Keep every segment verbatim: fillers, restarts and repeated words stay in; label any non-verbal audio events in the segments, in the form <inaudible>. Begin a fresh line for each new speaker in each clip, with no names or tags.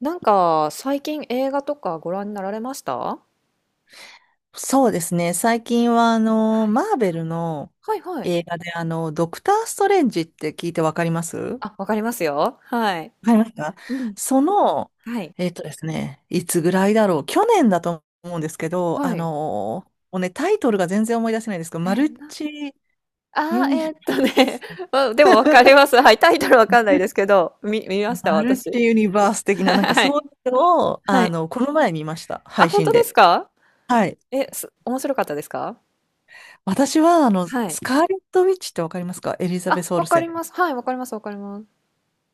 なんか、最近映画とかご覧になられました、は
そうですね。最近は、あの、
い。
マーベルの
はいはい。
映画で、あの、ドクター・ストレンジって聞いてわかりますわ
あ、わかりますよ。はい。
かりますか
うん。
その、
はい。
えっとですね、いつぐらいだろう。去年だと思うんですけど、
は
あ
い。
の、もうね、タイトルが全然思い出せないんですけど、
え、
マ
え、
ル
な、
チユ
あー、
ニバ
え
ー
ーっとね、
ス、
<laughs> まあでもわかります。
<laughs>
はい。タイトルわかんないですけど、見、見ました、
マル
私。
チユニバース
<laughs>
的な、なんか
は
そ
い。
ういうのを、
は
あ
い。
の、この前見ました。
あ、
配
本
信
当で
で。
すか？
はい。
え、す、面白かったですか？
私は、あの、
はい。
スカーレット・ウィッチってわかりますか？エリザベ
あ、
ス・オ
わ
ル
か
セン。
ります。はい、わかります、わかります。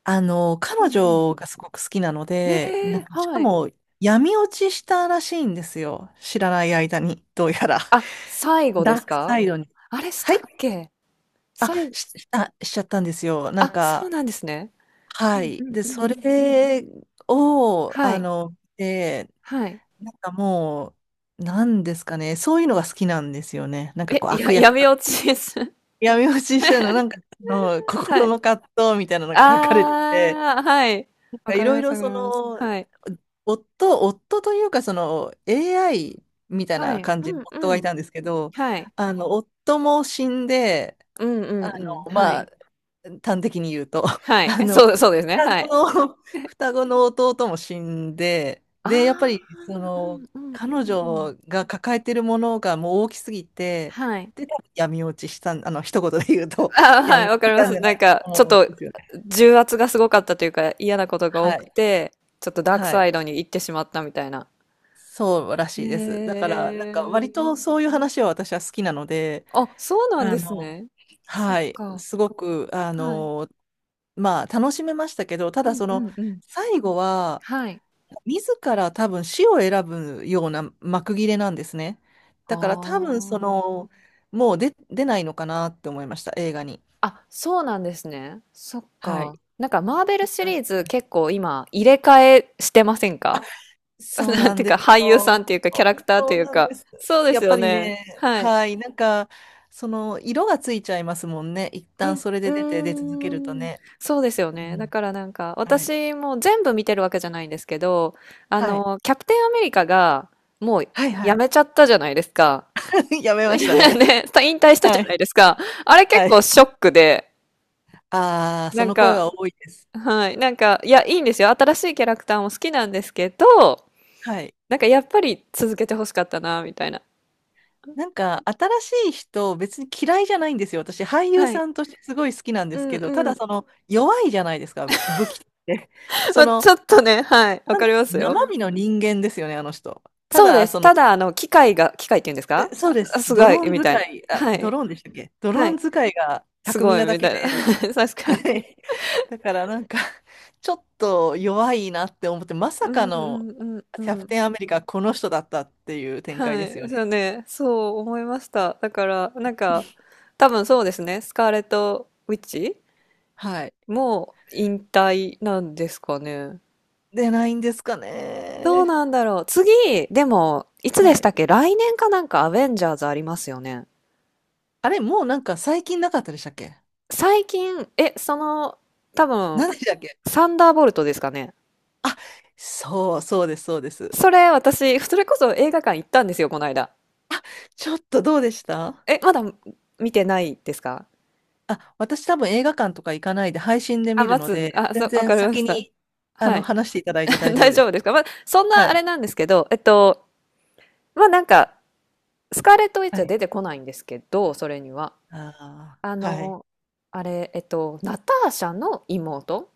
あの、彼女がすごく好きなので、な
えー、
んか、しか
はい。
も、闇落ちしたらしいんですよ。知らない間に、どうやら。<laughs>
あ、最後
ダ
で
ー
す
クサ
か？
イドに。
あれし
は
たっ
い。
け？
あ、
最後、
し、あ、しちゃったんですよ。なん
あ、そう
か、
なんですね。う
は
んう
い。
ん
で、
うん
そ
うん。
れを、
は
あ
い。
の、で、
はい。
なんかもう、なんですかね。そういうのが好きなんですよね。なんか
え、
こう、
や、
悪役。
闇落ちです。
闇落ちしたの、なんか、あの、
<laughs> は
心
い。
の葛藤みたいなのが書かれてて、
ああ、はい。わ
い
かり
ろ
ま
い
す
ろ
わかり
そ
ます。
の、
はい。
夫、夫というかその エーアイ みたい
は
な
い。
感じ
う
の
ん
夫が
う
いた
ん。
んですけど、
はい。
あの、夫も死んで、
うんうん
あ
うん。
の、
は
まあ、
い。
端的に言うと、
は
<laughs>
い。
あの、
そうそうですね。
双
は
子の、
い。
<laughs> 双
<laughs>
子の弟も死んで、で、やっぱ
あ
り、そ
あ、うん
の、
うんう
彼
んうん。
女が抱えてるものがもう大きすぎて、
はい。
で、多分闇落ちしたん、あの、一言で言うと、
ああ、
<laughs>
は
闇
い、
落
わか
ち
り
し
ま
たん
す。
じゃ
な
ない
ん
か
か、
と
ちょっ
思うん
と、
ですよね。
重圧がすごかったというか、嫌なことが多
は
く
い。
て、ちょっとダーク
はい。
サイドに行ってしまったみたいな。
そうら
へ
しいです。だから、なんか
え。
割とそういう話は私は好きなので、
あ、そうなん
あ
です
の、
ね。そ
は
っ
い、
か。
すごく、あ
はい。
の、まあ楽しめましたけど、た
う
だ
ん
そ
う
の、
んんうん。
最後は、
はい。
自ら多分死を選ぶような幕切れなんですね。
あ
だから多分そ
あ。
の、もう出、出ないのかなって思いました、映画に。
あ、そうなんですね。そっ
は
か。
い。
なんかマーベルシリーズ結構今入れ替えしてませんか？ <laughs>
そう
なん
な
て
ん
いうか
です
俳優さんっ
よ。
ていうかキャラクターと
そう
いう
なん
か。
です。
そうで
や
す
っ
よ
ぱり
ね。
ね、
はい。
はい、なんか、その、色がついちゃいますもんね。一旦それ
う
で出て、出
ん。う
続け
ー
ると
ん。
ね。
そうですよ
う
ね。だ
ん、
からなんか
はい。
私も全部見てるわけじゃないんですけど、あ
はい。
の、キャプテンアメリカがもう
はい、は
や
い。
めちゃったじゃないですか。
<laughs> やめ
<laughs>
ま
い
した
や
ね。
ね、た、引退したじ
は
ゃ
い。
ないですか。あれ結
は
構
い。
ショックで、
ああ、そ
なん
の声
か、
は多いです。
はい、なんか、いや、いいんですよ。新しいキャラクターも好きなんですけど、
はい。
なんかやっぱり続けて欲しかったな、みたいな。
なんか、新しい人、別に嫌いじゃないんですよ。私、俳優
はい。
さんとしてすごい好きなんで
う
す
ん
けど、た
う
だ、
ん。
その、弱いじゃないですか、武器って。
ま
そ
あ、
の、
ちょっとね、はい、わかりますよ。
生身の人間ですよね、あの人。た
そうで
だ、
す。
そ
た
の、
だ、あの、機械が、機械って言うんです
え
か？
そうで
あ、
す。
す
ド
ご
ロー
い、
ン
みたい
使
な。
い、あ、
は
ド
い、
ローンでしたっけ？ドロ
は
ー
い。
ン使いが
す
巧み
ごい、
なだ
み
け
たいな。
で、
<laughs> 確か
は
に。
い。だからなんか、ちょっと弱いなって思って、ま
う
さか
んう
の
んう
キャ
んう
プ
ん。
テンアメリカ、この人だったっていう展開
は
ですよ
い、そ
ね。
うね、そう思いました。だから、なんか、多分そうですね、スカーレット・ウィッチ
はい。
もう引退なんですかね。
で、ないんですか
どう
ね。
なんだろう。次、でも、いつで
は
したっ
い。
け、来年かなんかアベンジャーズありますよね。
あれ、もうなんか最近なかったでしたっけ？
最近、え、その、多分、
何でしたっけ？
サンダーボルトですかね。
あ、そう、そうです、そうです。
それ、私、それこそ映画館行ったんですよ、この間。
ちょっとどうでした？
え、まだ見てないですか？
あ、私多分映画館とか行かないで配信で
あ、
見る
待
の
つ、
で、
あ、そ
全
う、わ
然
かりま
先
した。
に、あ
は
の、
い。
話していただいて大
<laughs>
丈夫
大
で
丈
す。
夫ですか？まあ、そん
は
なあ
い。
れなんですけど、えっと、まあなんか、スカーレット・ウィッ
は
チは
い。
出てこないんですけど、それには。
あ
あ
あ、はい。
の、あれ、えっと、ナターシャの妹、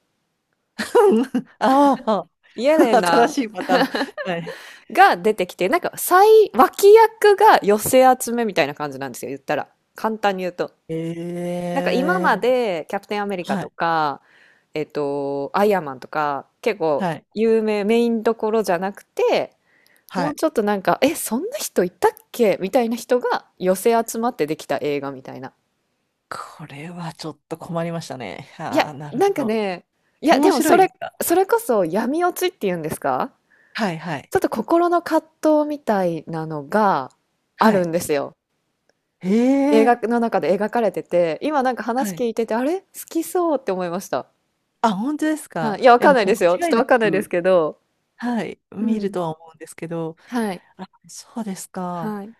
<laughs> ああ、
イエレ
<laughs> 新し
ナ
いパターン。はい。
が出てきて、なんか、最脇役が寄せ集めみたいな感じなんですよ、言ったら。簡単に言うと。
え
なんか今
え、
まで、キャプテン・アメリカ
は
と
い、
か、えっと、アイアンマンとか、結構
はい、
有名、メインどころじゃなくて、
は
もう
い。
ちょっとなんか、え、そんな人いたっけみたいな人が寄せ集まってできた映画みたいな。
これはちょっと困りましたね。
いや、
ああ、なる
な
ほ
んか
ど。
ね、いや、
面
でも
白
そ
いで
れ、
すか？
それこそ闇落ちっていうんですか？
はい、はい、
ちょっと心の葛藤みたいなのがあ
は
る
い。
んですよ。
え
映画
え、
の中で描かれてて、今なんか
は
話聞
い。
いてて、あれ好きそうって思いました。
あ、本当です
は
か？
い。いや、わ
え、
かん
も
ない
う
ですよ。ちょっ
間違い
と
な
わかんないです
く、
けど。
はい、
う
見る
ん。
とは思うんですけど、
はい。
あ、そうですか。
はい。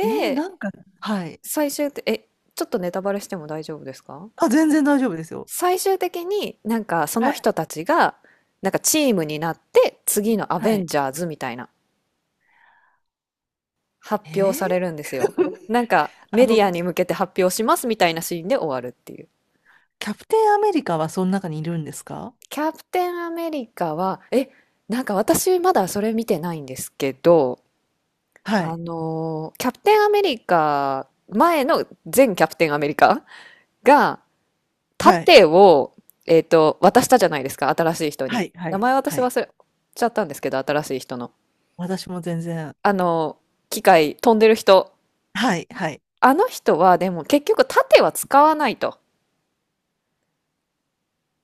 えー、なんか、はい。
最終って、え、ちょっとネタバレしても大丈夫ですか？
あ、全然大丈夫ですよ。
最終的になんかそ
は
の
い、
人たちがなんかチームになって次のア
は
ベン
い。
ジャーズみたいな
え
発表
ー、
されるんですよ。
<laughs>
なんか
あ
メデ
の、
ィアに向けて発表しますみたいなシーンで終わるっていう。
キャプテンアメリカはその中にいるんですか？
キャプテンアメリカは、え、なんか私まだそれ見てないんですけど、
は
あ
い、
のーキャプテンアメリカ、前の前キャプテンアメリカが
はい、
盾を、えっと、渡したじゃないですか、新しい人
は
に。
い、は
名
い、
前
は
私
い。
忘れちゃったんですけど、新しい人の。
私も全然。
あの、機械飛んでる人。
はい、はい。
あの人はでも結局盾は使わないと。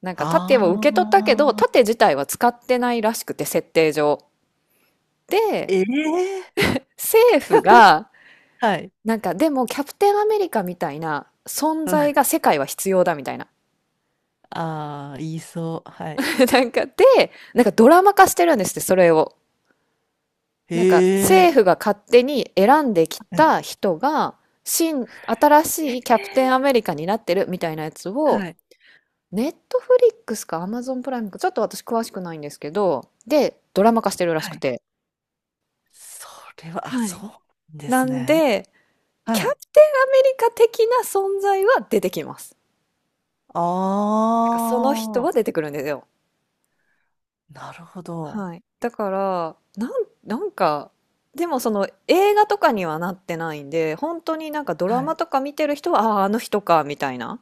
なんか
あ
盾を受け取ったけど、
あ、
盾自体は使ってないらしくて、設定上。で、
ええー、
政府
<laughs>、
が、
はい。
なんかでもキャプテンアメリカみたいな存在が
<laughs>
世界は必要だみたいな。
ああー、言いそう。はい。
<laughs> なんかで、なんかドラマ化してるんですって、それを。なんか
へ
政
え。
府が勝手に選んでき
はい、
た人が、新、新
え
しい
ー、
キャプテンアメリカになってるみたいなやつを、
はい、
ネットフリックスかアマゾンプライムか、ちょっと私詳しくないんですけど、で、ドラマ化してるらし
は
く
い。
て。
それは、あ、
はい。
そうで
な
す
ん
ね。
で、キ
は
ャプ
い、
テンアメリカ的な存在は出てきます。なんかその人
あ
は
あ、
出てくるんですよ。
なるほど。
はい。だから、なん、なんか、でもその映画とかにはなってないんで、本当になんかドラ
は
マ
い、
とか見てる人は、ああー、あの人か、みたいな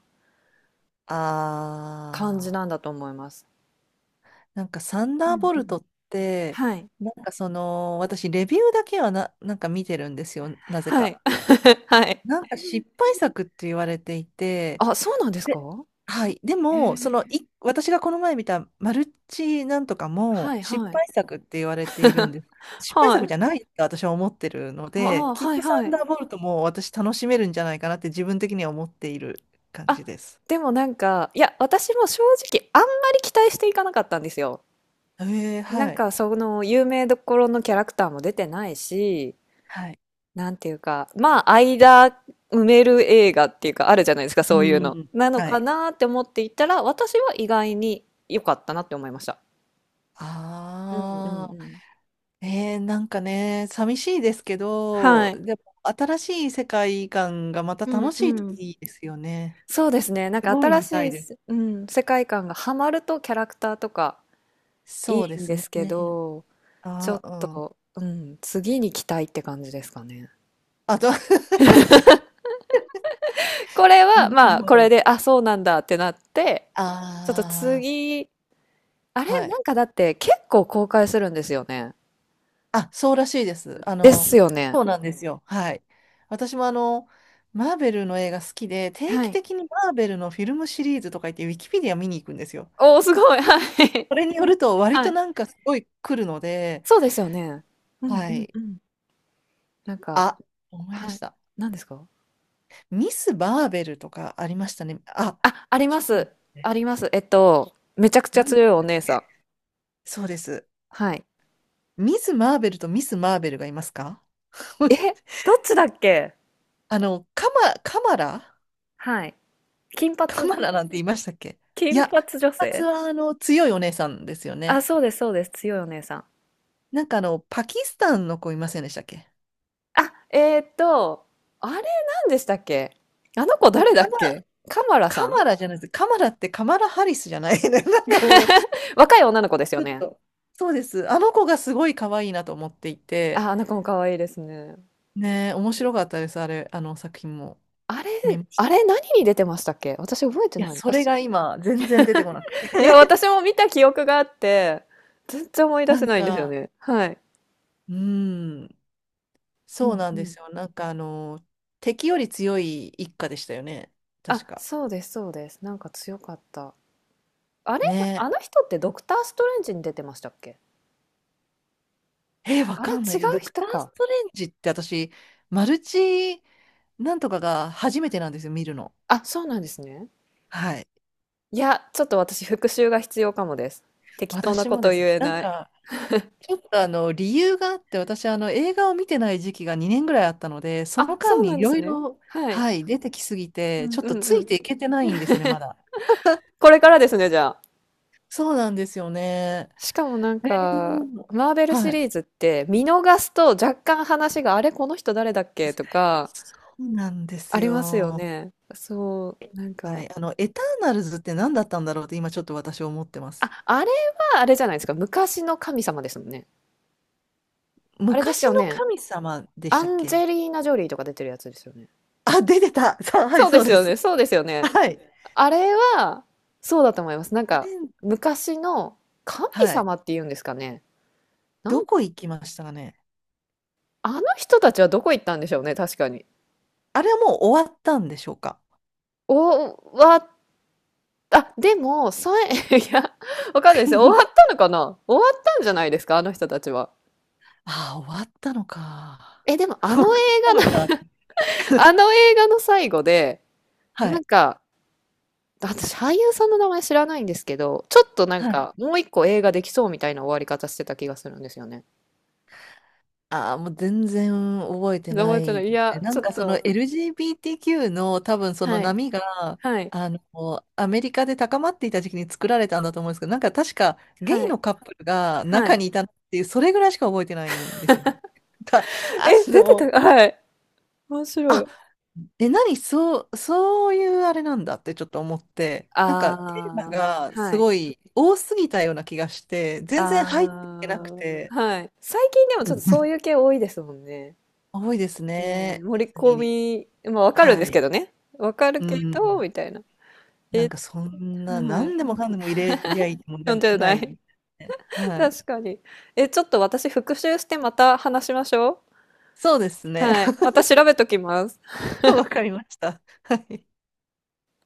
感じ
あ
なん
あ。
だと思います。
なんかサン
う
ダー
ん
ボ
う
ルト
ん。
って、
はい。
なんかその、私レビューだけはな、なんか見てるんですよ、なぜ
は
か。
い。<laughs> はい。
なんか失敗作って言われてい
<laughs>
て、
あ、そうなんですか？
で、はい。で
へ
も、その、
え。
い、私がこの前見たマルチなんとか
は
も
い
失
はい。
敗作って言われているんです。
<laughs>
失敗
は
作じゃ
い。
ないって私は思ってるので、
ああ、
きっ
はい
とサ
は
ン
い。
ダーボルトも私楽しめるんじゃないかなって自分的には思っている感
あ、
じです。
でもなんか、いや、私も正直あんまり期待していかなかったんですよ。
ええ、
なん
はい。
かその有名どころのキャラクターも出てないし、
はい。
なんていうか、まあ間埋める映画っていうかあるじゃないですか、そ
う
ういうの。
ん。
なの
は
か
い。
なって思っていたら、私は意外に良かったなって思いました。
あ
うんうん
あ。
うん。
えー、なんかね、寂しいですけど、
はい。
でも新しい世界観がまた
う
楽
ん
しい
う
と
ん。
いいですよね。
そうですね。なん
す
か
ごい
新
見
し
たいで
い、うん、世界観がハマるとキャラクターとか
す。
い
そうで
いん
す
です
ね。
けど、ちょ
あ、
っ
うん。
と、うん、次に期待って感じですかね。
あと <laughs>
これは、
なる
まあ、
ほ
これ
ど。
で、あ、そうなんだってなって、ちょっと
あ
次、あ
あ、
れ
は
な
い。
んかだって結構公開するんですよね。
あ、そうらしいです。あ
で
の、
すよね。
そうなんですよ。はい。私もあの、マーベルの映画好きで、定
は
期
い。
的にマーベルのフィルムシリーズとか言って、ウィキペディア見に行くんですよ。
おー、すごい。はい。
それによると、割
は
と
い。
なんかすごい来るので、
そうですよね。うん
は
うん
い。
うん。なんか、
あ、思い出
は
し
い。
た。
何ですか？
ミス・バーベルとかありましたね。あ、
あ、あり
ちょ
ま
っと
す。
待っ
あ
て、
ります。えっと、めちゃくちゃ
何で
強い
し
お
たっ
姉さ
け？
ん。
そうです。
はい。
ミス・マーベルとミス・マーベルがいますか？ <laughs>
え、どっちだっけ？
あの、カマ、カマラ、
はい。金髪、
カマラなんて言いましたっけ？い
金
や、
髪女
金髪
性、
はあの、強いお姉さんですよ
あ、
ね。
そうですそうです。強いお姉さん。
なんかあの、パキスタンの子いませんでしたっけ？
あ、えーっと、あれ何でしたっけ？あの子
あ
誰だっ
カマ、
け？カマラ
カ
さん、
マラじゃないです。カマラってカマラ・ハリスじゃない、 <laughs> なんかもう、ち
若い女の子ですよ
ょっ
ね。
と、そうです。あの子がすごい可愛いなと思っていて、
あ、あの子も可愛いですね。
ねえ、面白かったです、あれ、あの作品も
あれ、
見まし
あ
た。
れ何に出てましたっけ？私覚えて
いや、
ない。
そ
あ、
れ
そ、
が今、全然出てこなくて。
いや、私
<laughs>
も見た記憶があって、全然思い出
な
せ
ん
ないんですよ
か、
ね。はい。
うん、
う
そう
ん
なん
う
で
ん。
すよ。なんか、あの、敵より強い一家でしたよね、確
あ、
か。
そうです、そうです。なんか強かった。あれ、
ね
あの人ってドクターストレンジに出てましたっけ？
え、えーわ
あれ
かんない
違
です。
う
ドク
人
ター・ス
か。
トレンジって私、マルチなんとかが初めてなんですよ、見るの。
あ、そうなんですね。
はい。
いや、ちょっと私復習が必要かもです。適当な
私
こ
も
と
で
言
す。
え
なん
ない。
か、ちょっとあの理由があって私あの映画を見てない時期がにねんぐらいあったので、そ
あ、
の間
そう
に
な
い
んで
ろ
す
い
ね。
ろ、
はい。
はい、出てきすぎ
う
てちょっと
んう
つい
ん。
ていけてないんですよね、まだ。
これからですね、じゃあ。
そうなんですよね。
しかもなん
う
か、
ん、
マーベルシ
はい。
リーズって見逃すと若干話が、あれ、この人誰だっけとか、
そうなんです
ありますよ
よ。
ね。そう、なん
は
か。
い。あのエターナルズって何だったんだろうって今ちょっと私思ってます。
あ、あれはあれじゃないですか。昔の神様ですもんね。あれです
昔
よ
の
ね。
神様でし
ア
たっ
ンジェ
け？
リーナ・ジョリーとか出てるやつですよね。
あ、出てたさ、はい、
そうで
そ
す
うで
よ
す。
ね。そうですよね。
はい。
あれは、そうだと思います。なん
あれ、
か、昔の神
はい、
様っていうんですかね。な
ど
ん、
こ行きましたかね。
あの人たちはどこ行ったんでしょうね、確かに。
あれはもう終わったんでしょうか？
お、わ、あ、でも、さ、え、<laughs> いや、わかんないですよ。終わ
<laughs>
ったのかな？終わったんじゃないですか、あの人たちは。
ああ、終わったのか。
え、でも、
<laughs>
あ
終わ
の映
ったのか。
画の <laughs> あ
<laughs>
の映画の最後で、
は
なん
い。
か、私、俳優さんの名前知らないんですけど、ちょっとなん
はい。
か、もう一個映画できそうみたいな終わり方してた気がするんですよね。
ああ、もう全然覚えて
覚
な
えてな
いで
い。い
すね。
や、
な
ち
ん
ょっ
かその
と、
エルジービーティーキュー の多分その
はい、
波が、
はい。
あの、アメリカで高まっていた時期に作られたんだと思うんですけど、なんか確かゲ
は
イ
い。
のカップルが
は
中
い。
にいたっていう、それぐらいしか覚えてないんですよね。<laughs> た、
<laughs>
あ
え、出てた、
の、
はい。面白
あ、
い。
え、何、そう、そういうあれなんだってちょっと思って、なんかテーマ
あ
が
あ、は
す
い。
ごい多すぎたような気がして、全然入って
あ
いけなく
あ、
て、
はい。最近でも
う
ち
ん、
ょっとそういう
<laughs>
系多いですもんね。
多いです
ねえ、
ね、
盛り
ディズニー
込
に。
み、まあわかるん
は
ですけ
い。
どね。わかる
う
けど、
ん。
みたいな。
な
え、
んかそんな、
はい。
何でもかんでも入れりゃいいもんじゃ
よんな
ない
い
みたいなね。
<laughs>
はい。
確かに。え、ちょっと私復習してまた話しましょう。
そうですね。
はい。
<laughs>
また調べときます。
わかりました。はい。